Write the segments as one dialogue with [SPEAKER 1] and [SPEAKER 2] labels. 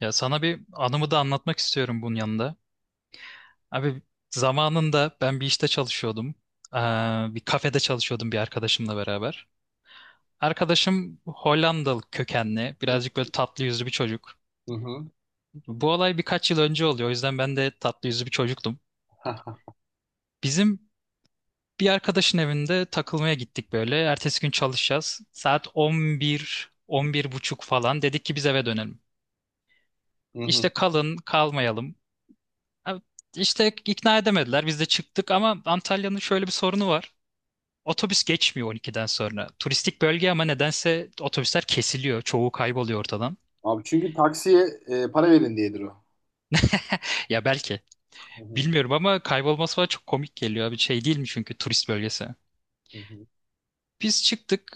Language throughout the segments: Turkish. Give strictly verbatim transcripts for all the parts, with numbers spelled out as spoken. [SPEAKER 1] Ya sana bir anımı da anlatmak istiyorum bunun yanında. Abi zamanında ben bir işte çalışıyordum. Ee, bir kafede çalışıyordum bir arkadaşımla beraber. Arkadaşım Hollandalı kökenli,
[SPEAKER 2] Hı
[SPEAKER 1] birazcık böyle tatlı yüzlü bir çocuk.
[SPEAKER 2] hı.
[SPEAKER 1] Bu olay birkaç yıl önce oluyor. O yüzden ben de tatlı yüzlü bir çocuktum. Bizim bir arkadaşın evinde takılmaya gittik böyle. Ertesi gün çalışacağız. Saat on bir, on bir buçuk falan. Dedik ki biz eve dönelim.
[SPEAKER 2] Hı
[SPEAKER 1] İşte
[SPEAKER 2] hı.
[SPEAKER 1] kalın, kalmayalım. Abi, İşte ikna edemediler. Biz de çıktık ama Antalya'nın şöyle bir sorunu var. Otobüs geçmiyor on ikiden sonra. Turistik bölge ama nedense otobüsler kesiliyor. Çoğu kayboluyor ortadan.
[SPEAKER 2] Abi çünkü taksiye e, para verin diyedir o.
[SPEAKER 1] Ya belki.
[SPEAKER 2] Hı hı.
[SPEAKER 1] Bilmiyorum ama kaybolması falan çok komik geliyor abi. Şey değil mi, çünkü turist bölgesi.
[SPEAKER 2] Hı hı.
[SPEAKER 1] Biz çıktık.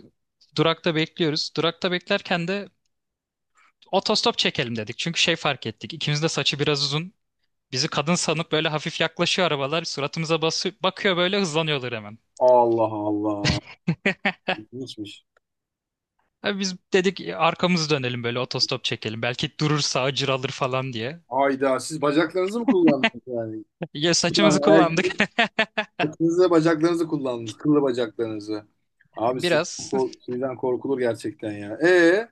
[SPEAKER 1] Durakta bekliyoruz. Durakta beklerken de otostop çekelim dedik. Çünkü şey fark ettik. İkimiz de saçı biraz uzun. Bizi kadın sanıp böyle hafif yaklaşıyor arabalar. Suratımıza basıyor, bakıyor, böyle hızlanıyorlar hemen.
[SPEAKER 2] Allah Allah. İlginçmiş.
[SPEAKER 1] Abi biz dedik, "E, arkamızı dönelim böyle, otostop çekelim. Belki durur sağcı alır falan diye."
[SPEAKER 2] Hayda siz bacaklarınızı mı kullandınız yani?
[SPEAKER 1] Ya
[SPEAKER 2] Bir tane
[SPEAKER 1] saçımızı kullandık
[SPEAKER 2] erkek saçınızı bacaklarınızı kullandınız. Kıllı bacaklarınızı. Abi siz,
[SPEAKER 1] biraz.
[SPEAKER 2] ko- sizden korkulur gerçekten ya. E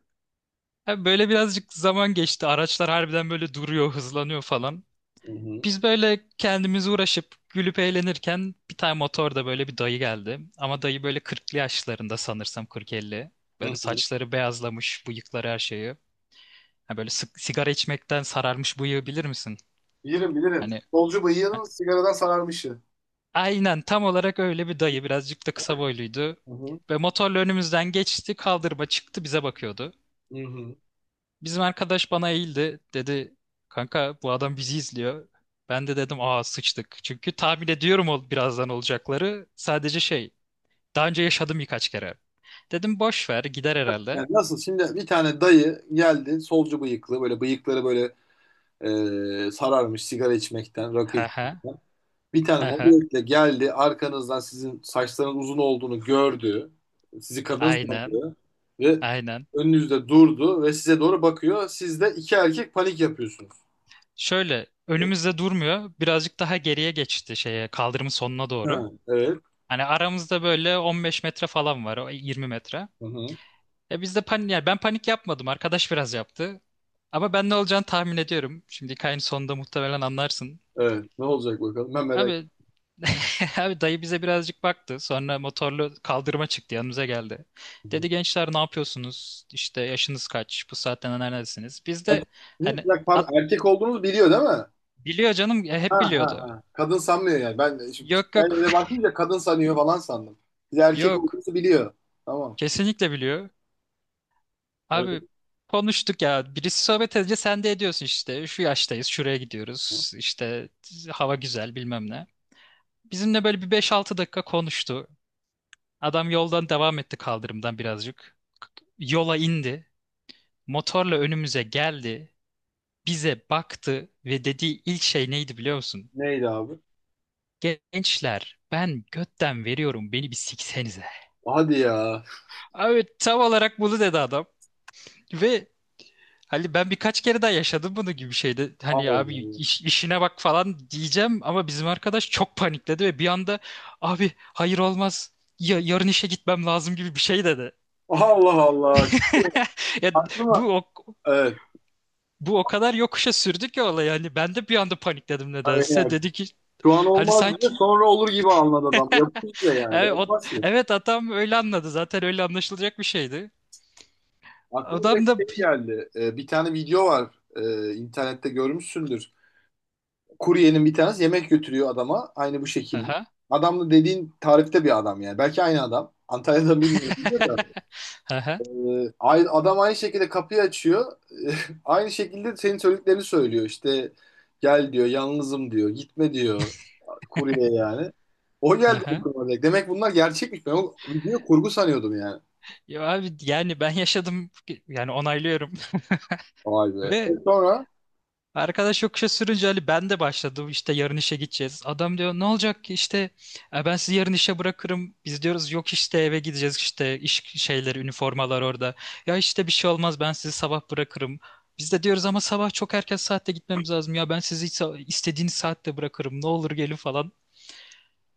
[SPEAKER 1] Abi böyle birazcık zaman geçti. Araçlar harbiden böyle duruyor, hızlanıyor falan.
[SPEAKER 2] Hı hı.
[SPEAKER 1] Biz böyle kendimizi uğraşıp gülüp eğlenirken bir tane motorda böyle bir dayı geldi. Ama dayı böyle kırklı yaşlarında sanırsam, kırk elli.
[SPEAKER 2] Hı
[SPEAKER 1] Böyle
[SPEAKER 2] hı.
[SPEAKER 1] saçları beyazlamış, bıyıkları, her şeyi. Ha böyle sık- sigara içmekten sararmış bıyığı, bilir misin?
[SPEAKER 2] Bilirim bilirim.
[SPEAKER 1] Hani,
[SPEAKER 2] Solcu bıyığının sigaradan sararmışı.
[SPEAKER 1] Aynen tam olarak öyle bir dayı. Birazcık da kısa boyluydu.
[SPEAKER 2] Hı hı.
[SPEAKER 1] Ve motorla önümüzden geçti. Kaldırıma çıktı, bize bakıyordu.
[SPEAKER 2] Hı hı.
[SPEAKER 1] Bizim arkadaş bana eğildi. Dedi, kanka bu adam bizi izliyor. Ben de dedim, aa sıçtık. Çünkü tahmin ediyorum ol birazdan olacakları. Sadece şey, daha önce yaşadım birkaç kere. Dedim, boş ver, gider herhalde.
[SPEAKER 2] Yani nasıl şimdi bir tane dayı geldi solcu bıyıklı böyle bıyıkları böyle Ee, sararmış sigara içmekten, rakı
[SPEAKER 1] He he,
[SPEAKER 2] içmekten. Bir tane
[SPEAKER 1] he he.
[SPEAKER 2] mobiletle geldi, arkanızdan sizin saçlarınız uzun olduğunu gördü. Sizi kadın
[SPEAKER 1] Aynen,
[SPEAKER 2] sandı ve
[SPEAKER 1] aynen.
[SPEAKER 2] önünüzde durdu ve size doğru bakıyor. Siz de iki erkek panik yapıyorsunuz.
[SPEAKER 1] Şöyle önümüzde durmuyor. Birazcık daha geriye geçti şeye, kaldırımın sonuna doğru.
[SPEAKER 2] Ha, evet.
[SPEAKER 1] Hani aramızda böyle on beş metre falan var, o yirmi metre.
[SPEAKER 2] Hı hı.
[SPEAKER 1] E biz de panik, yani ben panik yapmadım, arkadaş biraz yaptı. Ama ben ne olacağını tahmin ediyorum. Şimdi hikayenin sonunda muhtemelen anlarsın.
[SPEAKER 2] Evet. Ne olacak bakalım? Ben merak
[SPEAKER 1] Abi,
[SPEAKER 2] ediyorum.
[SPEAKER 1] abi dayı bize birazcık baktı. Sonra motorlu kaldırıma çıktı, yanımıza geldi.
[SPEAKER 2] Hı hı.
[SPEAKER 1] Dedi, gençler ne yapıyorsunuz? İşte yaşınız kaç? Bu saatten neredesiniz? Biz
[SPEAKER 2] Ay,
[SPEAKER 1] de
[SPEAKER 2] sizin
[SPEAKER 1] hani,
[SPEAKER 2] ya, pardon,
[SPEAKER 1] "At-
[SPEAKER 2] erkek olduğunuzu biliyor değil mi? Ha
[SPEAKER 1] biliyor canım, e,
[SPEAKER 2] ha
[SPEAKER 1] hep biliyordu.
[SPEAKER 2] ha. Kadın sanmıyor yani. Ben de şimdi
[SPEAKER 1] Yok,
[SPEAKER 2] ben
[SPEAKER 1] yok,
[SPEAKER 2] öyle bakınca kadın sanıyor falan sandım. Siz erkek
[SPEAKER 1] yok.
[SPEAKER 2] olduğunuzu biliyor. Tamam.
[SPEAKER 1] Kesinlikle biliyor.
[SPEAKER 2] Evet.
[SPEAKER 1] Abi konuştuk ya. Birisi sohbet edince sen de ediyorsun işte. Şu yaştayız, şuraya gidiyoruz. İşte hava güzel, bilmem ne. Bizimle böyle bir beş altı dakika konuştu. Adam yoldan devam etti, kaldırımdan birazcık. Yola indi. Motorla önümüze geldi. Bize baktı ve dediği ilk şey neydi biliyor musun?
[SPEAKER 2] Neydi abi?
[SPEAKER 1] Gençler, ben götten veriyorum, beni bir siksenize.
[SPEAKER 2] Hadi ya.
[SPEAKER 1] Abi tam olarak bunu dedi adam. Ve hani ben birkaç kere daha yaşadım bunu gibi şeyde. Hani
[SPEAKER 2] Allah
[SPEAKER 1] abi
[SPEAKER 2] Allah.
[SPEAKER 1] iş- işine bak falan diyeceğim ama bizim arkadaş çok panikledi ve bir anda, abi hayır, olmaz. Ya, yarın işe gitmem lazım gibi bir şey dedi.
[SPEAKER 2] Allah Allah. Şey,
[SPEAKER 1] Ya
[SPEAKER 2] aklıma
[SPEAKER 1] bu o,
[SPEAKER 2] evet.
[SPEAKER 1] bu o kadar yokuşa sürdü ki olay, yani ben de bir anda panikledim nedense.
[SPEAKER 2] Aynen.
[SPEAKER 1] Dedi ki,
[SPEAKER 2] Şu an
[SPEAKER 1] hani
[SPEAKER 2] olmaz diye
[SPEAKER 1] sanki
[SPEAKER 2] sonra olur gibi anladı adam. Yapıyor da yani.
[SPEAKER 1] evet, o,
[SPEAKER 2] Bırakmaz ki.
[SPEAKER 1] evet adam öyle anladı, zaten öyle anlaşılacak bir şeydi.
[SPEAKER 2] Aklıma
[SPEAKER 1] Adam
[SPEAKER 2] direkt
[SPEAKER 1] da
[SPEAKER 2] şey geldi. Ee, bir tane video var. Ee, internette görmüşsündür. Kuryenin bir tanesi yemek götürüyor adama. Aynı bu şekilde.
[SPEAKER 1] aha.
[SPEAKER 2] Adam da dediğin tarifte bir adam yani. Belki aynı adam. Antalya'da bilmiyorum da.
[SPEAKER 1] Aha.
[SPEAKER 2] Ee, ay- adam aynı şekilde kapıyı açıyor. Aynı şekilde senin söylediklerini söylüyor. İşte gel diyor, yalnızım diyor, gitme diyor. Kurye yani. O geldi
[SPEAKER 1] Aha.
[SPEAKER 2] aklıma direkt. Demek bunlar gerçekmiş. Ben o video kurgu sanıyordum yani.
[SPEAKER 1] Ya abi yani ben yaşadım, yani onaylıyorum.
[SPEAKER 2] Vay be. E
[SPEAKER 1] Ve
[SPEAKER 2] sonra
[SPEAKER 1] arkadaş yokuşa sürünce Ali, ben de başladım işte yarın işe gideceğiz. Adam diyor, ne olacak ki işte, "E, ben sizi yarın işe bırakırım." Biz diyoruz, yok işte, eve gideceğiz, işte iş şeyleri, üniformalar orada. Ya işte bir şey olmaz, ben sizi sabah bırakırım. Biz de diyoruz, ama sabah çok erken saatte gitmemiz lazım. Ya ben sizi sa- istediğiniz saatte bırakırım, ne olur gelin falan.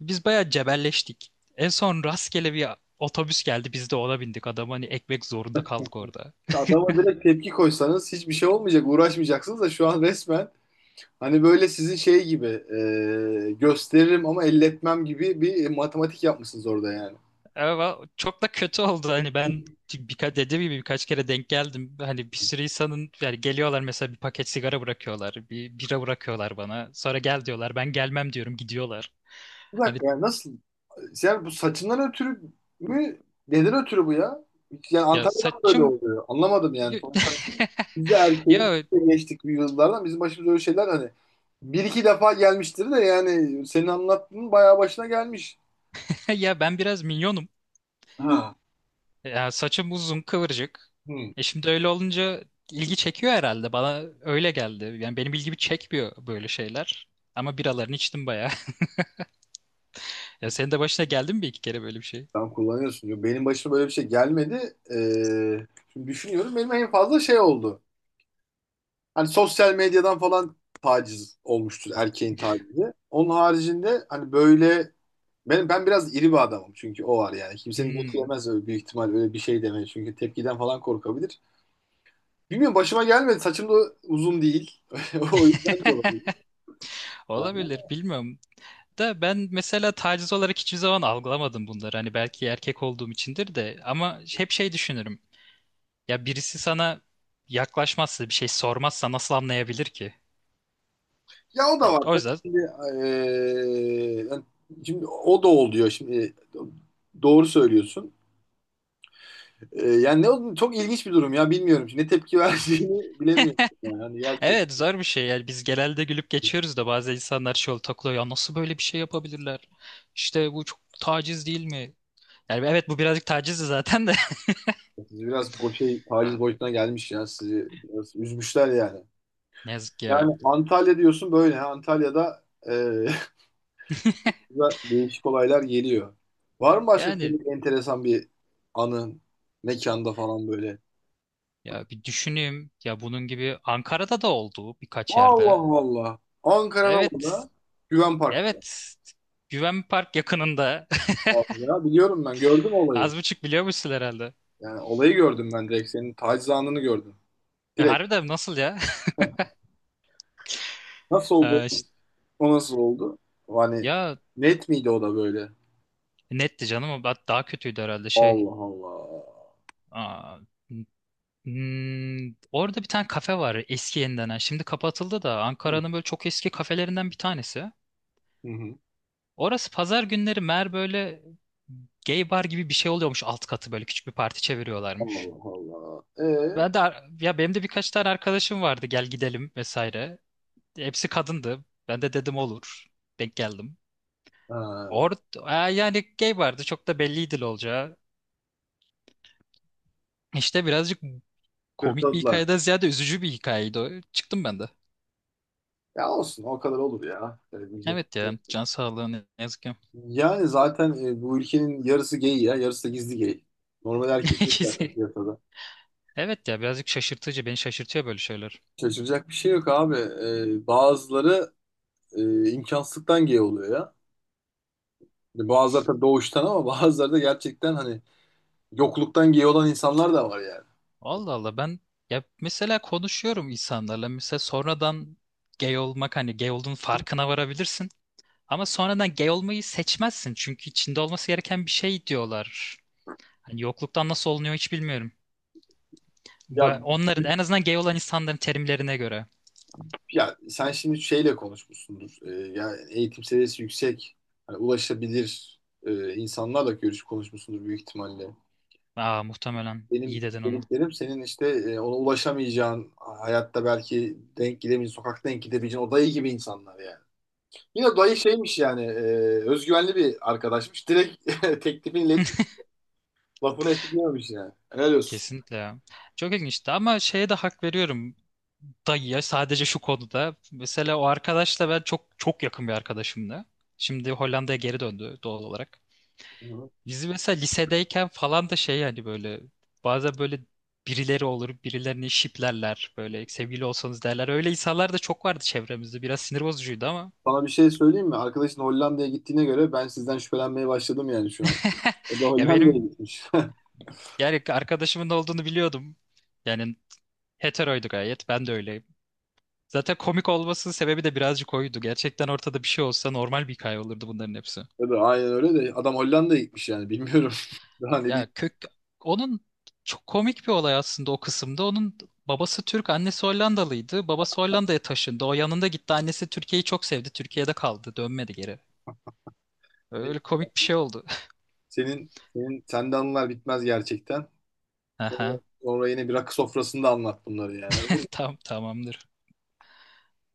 [SPEAKER 1] Biz bayağı cebelleştik. En son rastgele bir otobüs geldi, biz de ona bindik. Adam hani, ekmek zorunda kaldık orada.
[SPEAKER 2] adama direkt tepki koysanız hiçbir şey olmayacak. Uğraşmayacaksınız da şu an resmen hani böyle sizin şey gibi e, gösteririm ama elletmem gibi bir matematik yapmışsınız orada yani.
[SPEAKER 1] Ama çok da kötü oldu hani. Ben birkaç, dediğim gibi birkaç kere denk geldim. Hani bir sürü insanın, yani geliyorlar mesela, bir paket sigara bırakıyorlar, bir bira bırakıyorlar bana. Sonra gel diyorlar. Ben gelmem diyorum, gidiyorlar.
[SPEAKER 2] Bir
[SPEAKER 1] Hani
[SPEAKER 2] dakika yani nasıl. Yani bu saçından ötürü mü? Neden ötürü bu ya? Hiç- Yani
[SPEAKER 1] ya
[SPEAKER 2] Antalya'dan böyle
[SPEAKER 1] saçım,
[SPEAKER 2] oluyor. Anlamadım yani.
[SPEAKER 1] ya
[SPEAKER 2] Sonuçta biz de erkeğiz.
[SPEAKER 1] ya
[SPEAKER 2] Biz de geçtik bir yıllardan. Bizim başımıza öyle şeyler hani bir iki defa gelmiştir de yani senin anlattığın bayağı başına gelmiş.
[SPEAKER 1] ya ben biraz minyonum.
[SPEAKER 2] Ha.
[SPEAKER 1] Ya saçım uzun, kıvırcık.
[SPEAKER 2] Hı.
[SPEAKER 1] E şimdi öyle olunca ilgi çekiyor herhalde. Bana öyle geldi. Yani benim ilgimi çekmiyor böyle şeyler. Ama biralarını içtim bayağı. Ya senin de başına geldi mi bir iki kere böyle bir şey?
[SPEAKER 2] Sen kullanıyorsun. Yo, benim başıma böyle bir şey gelmedi. Ee, şimdi düşünüyorum. Benim en fazla şey oldu. Hani sosyal medyadan falan taciz olmuştur erkeğin tacizi. Onun haricinde hani böyle benim ben biraz iri bir adamım çünkü o var yani. Kimsenin götü
[SPEAKER 1] Hmm.
[SPEAKER 2] yemez öyle büyük ihtimal öyle bir şey demeye çünkü tepkiden falan korkabilir. Bilmiyorum başıma gelmedi. Saçım da uzun değil. O yüzden de olabilir yani.
[SPEAKER 1] Olabilir, bilmiyorum. Da ben mesela taciz olarak hiçbir zaman algılamadım bunları. Hani belki erkek olduğum içindir de, ama hep şey düşünürüm. Ya birisi sana yaklaşmazsa, bir şey sormazsa nasıl anlayabilir ki?
[SPEAKER 2] Ya o da
[SPEAKER 1] Yani
[SPEAKER 2] var.
[SPEAKER 1] o
[SPEAKER 2] Tabii.
[SPEAKER 1] yüzden,
[SPEAKER 2] Şimdi, eee, yani şimdi o da oluyor şimdi. Doğru söylüyorsun. Eee, yani ne oldu? Çok ilginç bir durum ya bilmiyorum. Ne tepki vereceğini bilemiyorum. Yani, yani
[SPEAKER 1] evet, zor bir şey. Yani biz genelde gülüp geçiyoruz da, bazen insanlar şey oluyor, takılıyor. Ya nasıl böyle bir şey yapabilirler? İşte bu çok taciz değil mi? Yani evet, bu birazcık tacizdi zaten de.
[SPEAKER 2] siz biraz bu şey taciz boyutuna gelmiş ya. Sizi biraz üzmüşler yani.
[SPEAKER 1] Ne yazık ya.
[SPEAKER 2] Yani Antalya diyorsun böyle. Ha. Antalya'da e, da değişik olaylar geliyor. Var mı başka
[SPEAKER 1] Yani
[SPEAKER 2] komik enteresan bir anın mekanda falan böyle?
[SPEAKER 1] ya, bir düşüneyim. Ya bunun gibi Ankara'da da oldu birkaç yerde.
[SPEAKER 2] Allah Allah. Ankara'da
[SPEAKER 1] Evet.
[SPEAKER 2] orada Güven Park'ta.
[SPEAKER 1] Evet. Güven Park yakınında.
[SPEAKER 2] Abi ya biliyorum ben gördüm olayı.
[SPEAKER 1] Az buçuk biliyormuşsun herhalde.
[SPEAKER 2] Yani olayı gördüm ben direkt senin taciz anını gördüm.
[SPEAKER 1] E,
[SPEAKER 2] Direkt
[SPEAKER 1] harbiden nasıl ya?
[SPEAKER 2] nasıl oldu?
[SPEAKER 1] E, ş-
[SPEAKER 2] O nasıl oldu? Hani
[SPEAKER 1] ya
[SPEAKER 2] net miydi o da böyle?
[SPEAKER 1] netti canım. o Daha daha kötüydü herhalde şey.
[SPEAKER 2] Allah Allah.
[SPEAKER 1] Aa, hmm, orada bir tane kafe var. Eski yeniden, ha. Şimdi kapatıldı da. Ankara'nın böyle çok eski kafelerinden bir tanesi.
[SPEAKER 2] Hı hı.
[SPEAKER 1] Orası pazar günleri meğer böyle gay bar gibi bir şey oluyormuş, alt katı böyle küçük bir parti çeviriyorlarmış.
[SPEAKER 2] Allah Allah. Ee,
[SPEAKER 1] Ben de ar- ya benim de birkaç tane arkadaşım vardı, gel gidelim vesaire. Hepsi kadındı. Ben de dedim olur. Denk geldim.
[SPEAKER 2] ha,
[SPEAKER 1] Or Aa, yani gay vardı. Çok da belliydi ne olacağı. İşte birazcık komik bir
[SPEAKER 2] hırpaladılar.
[SPEAKER 1] hikayeden ziyade üzücü bir hikayeydi o. Çıktım ben de.
[SPEAKER 2] Ya olsun o kadar olur ya. Öyle diyecek.
[SPEAKER 1] Evet ya. Can sağlığı, ne ne yazık ki.
[SPEAKER 2] Yani zaten e, bu ülkenin yarısı gay ya, yarısı da gizli gay. Normal erkek yok
[SPEAKER 1] İkisi.
[SPEAKER 2] zaten piyasada.
[SPEAKER 1] Evet ya, birazcık şaşırtıcı. Beni şaşırtıyor böyle şeyler.
[SPEAKER 2] Şaşıracak bir şey yok abi. E, bazıları e, imkansızlıktan gay oluyor ya. Yani bazıları da doğuştan ama bazıları da gerçekten hani yokluktan gay olan insanlar da var yani.
[SPEAKER 1] Allah Allah, ben ya mesela konuşuyorum insanlarla. Mesela sonradan gay olmak, hani gay olduğunun farkına varabilirsin. Ama sonradan gay olmayı seçmezsin. Çünkü içinde olması gereken bir şey diyorlar. Hani yokluktan nasıl olunuyor hiç bilmiyorum. Bu
[SPEAKER 2] Ya
[SPEAKER 1] onların, en azından gay olan insanların terimlerine göre.
[SPEAKER 2] Ya sen şimdi şeyle konuşmuşsundur. Ee, yani eğitim seviyesi yüksek, hani ulaşabilir e, insanlarla görüş konuşmuşsundur büyük ihtimalle.
[SPEAKER 1] Aa, muhtemelen
[SPEAKER 2] Benim
[SPEAKER 1] iyi dedin onu.
[SPEAKER 2] dediklerim senin işte e, ona ulaşamayacağın, hayatta belki denk gidemeyeceğin, sokakta denk gidebileceğin o dayı gibi insanlar yani. Yine dayı şeymiş yani, e, özgüvenli bir arkadaşmış. Direkt teklifini iletip lafını esirgememiş yani. Helal olsun.
[SPEAKER 1] Kesinlikle ya. Çok ilginçti ama şeye de hak veriyorum, dayıya, sadece şu konuda. Mesela o arkadaşla ben çok çok yakın bir arkadaşımdı. Şimdi Hollanda'ya geri döndü doğal olarak.
[SPEAKER 2] Hı hı.
[SPEAKER 1] Biz mesela lisedeyken falan da şey, yani böyle bazen böyle birileri olur, birilerini şiplerler böyle, sevgili olsanız derler. Öyle insanlar da çok vardı çevremizde, biraz sinir bozucuydu ama.
[SPEAKER 2] Sana bir şey söyleyeyim mi? Arkadaşın Hollanda'ya gittiğine göre ben sizden şüphelenmeye başladım yani şu an. O da
[SPEAKER 1] Ya
[SPEAKER 2] Hollanda'ya
[SPEAKER 1] benim,
[SPEAKER 2] gitmiş.
[SPEAKER 1] yani arkadaşımın olduğunu biliyordum. Yani heteroydu gayet. Ben de öyleyim. Zaten komik olmasının sebebi de birazcık oydu. Gerçekten ortada bir şey olsa normal bir hikaye olurdu bunların hepsi.
[SPEAKER 2] Tabii aynen öyle de adam Hollanda'ya gitmiş yani bilmiyorum. Daha ne
[SPEAKER 1] Ya
[SPEAKER 2] diyeyim.
[SPEAKER 1] kök, onun çok komik bir olay aslında o kısımda. Onun babası Türk, annesi Hollandalıydı. Babası Hollanda'ya taşındı. O yanında gitti. Annesi Türkiye'yi çok sevdi. Türkiye'de kaldı. Dönmedi geri.
[SPEAKER 2] Hani
[SPEAKER 1] Öyle komik bir şey oldu.
[SPEAKER 2] Senin senin sende anılar bitmez gerçekten. Sonra,
[SPEAKER 1] Aha.
[SPEAKER 2] sonra yine bir rakı sofrasında anlat bunları yani.
[SPEAKER 1] Tam, tamamdır.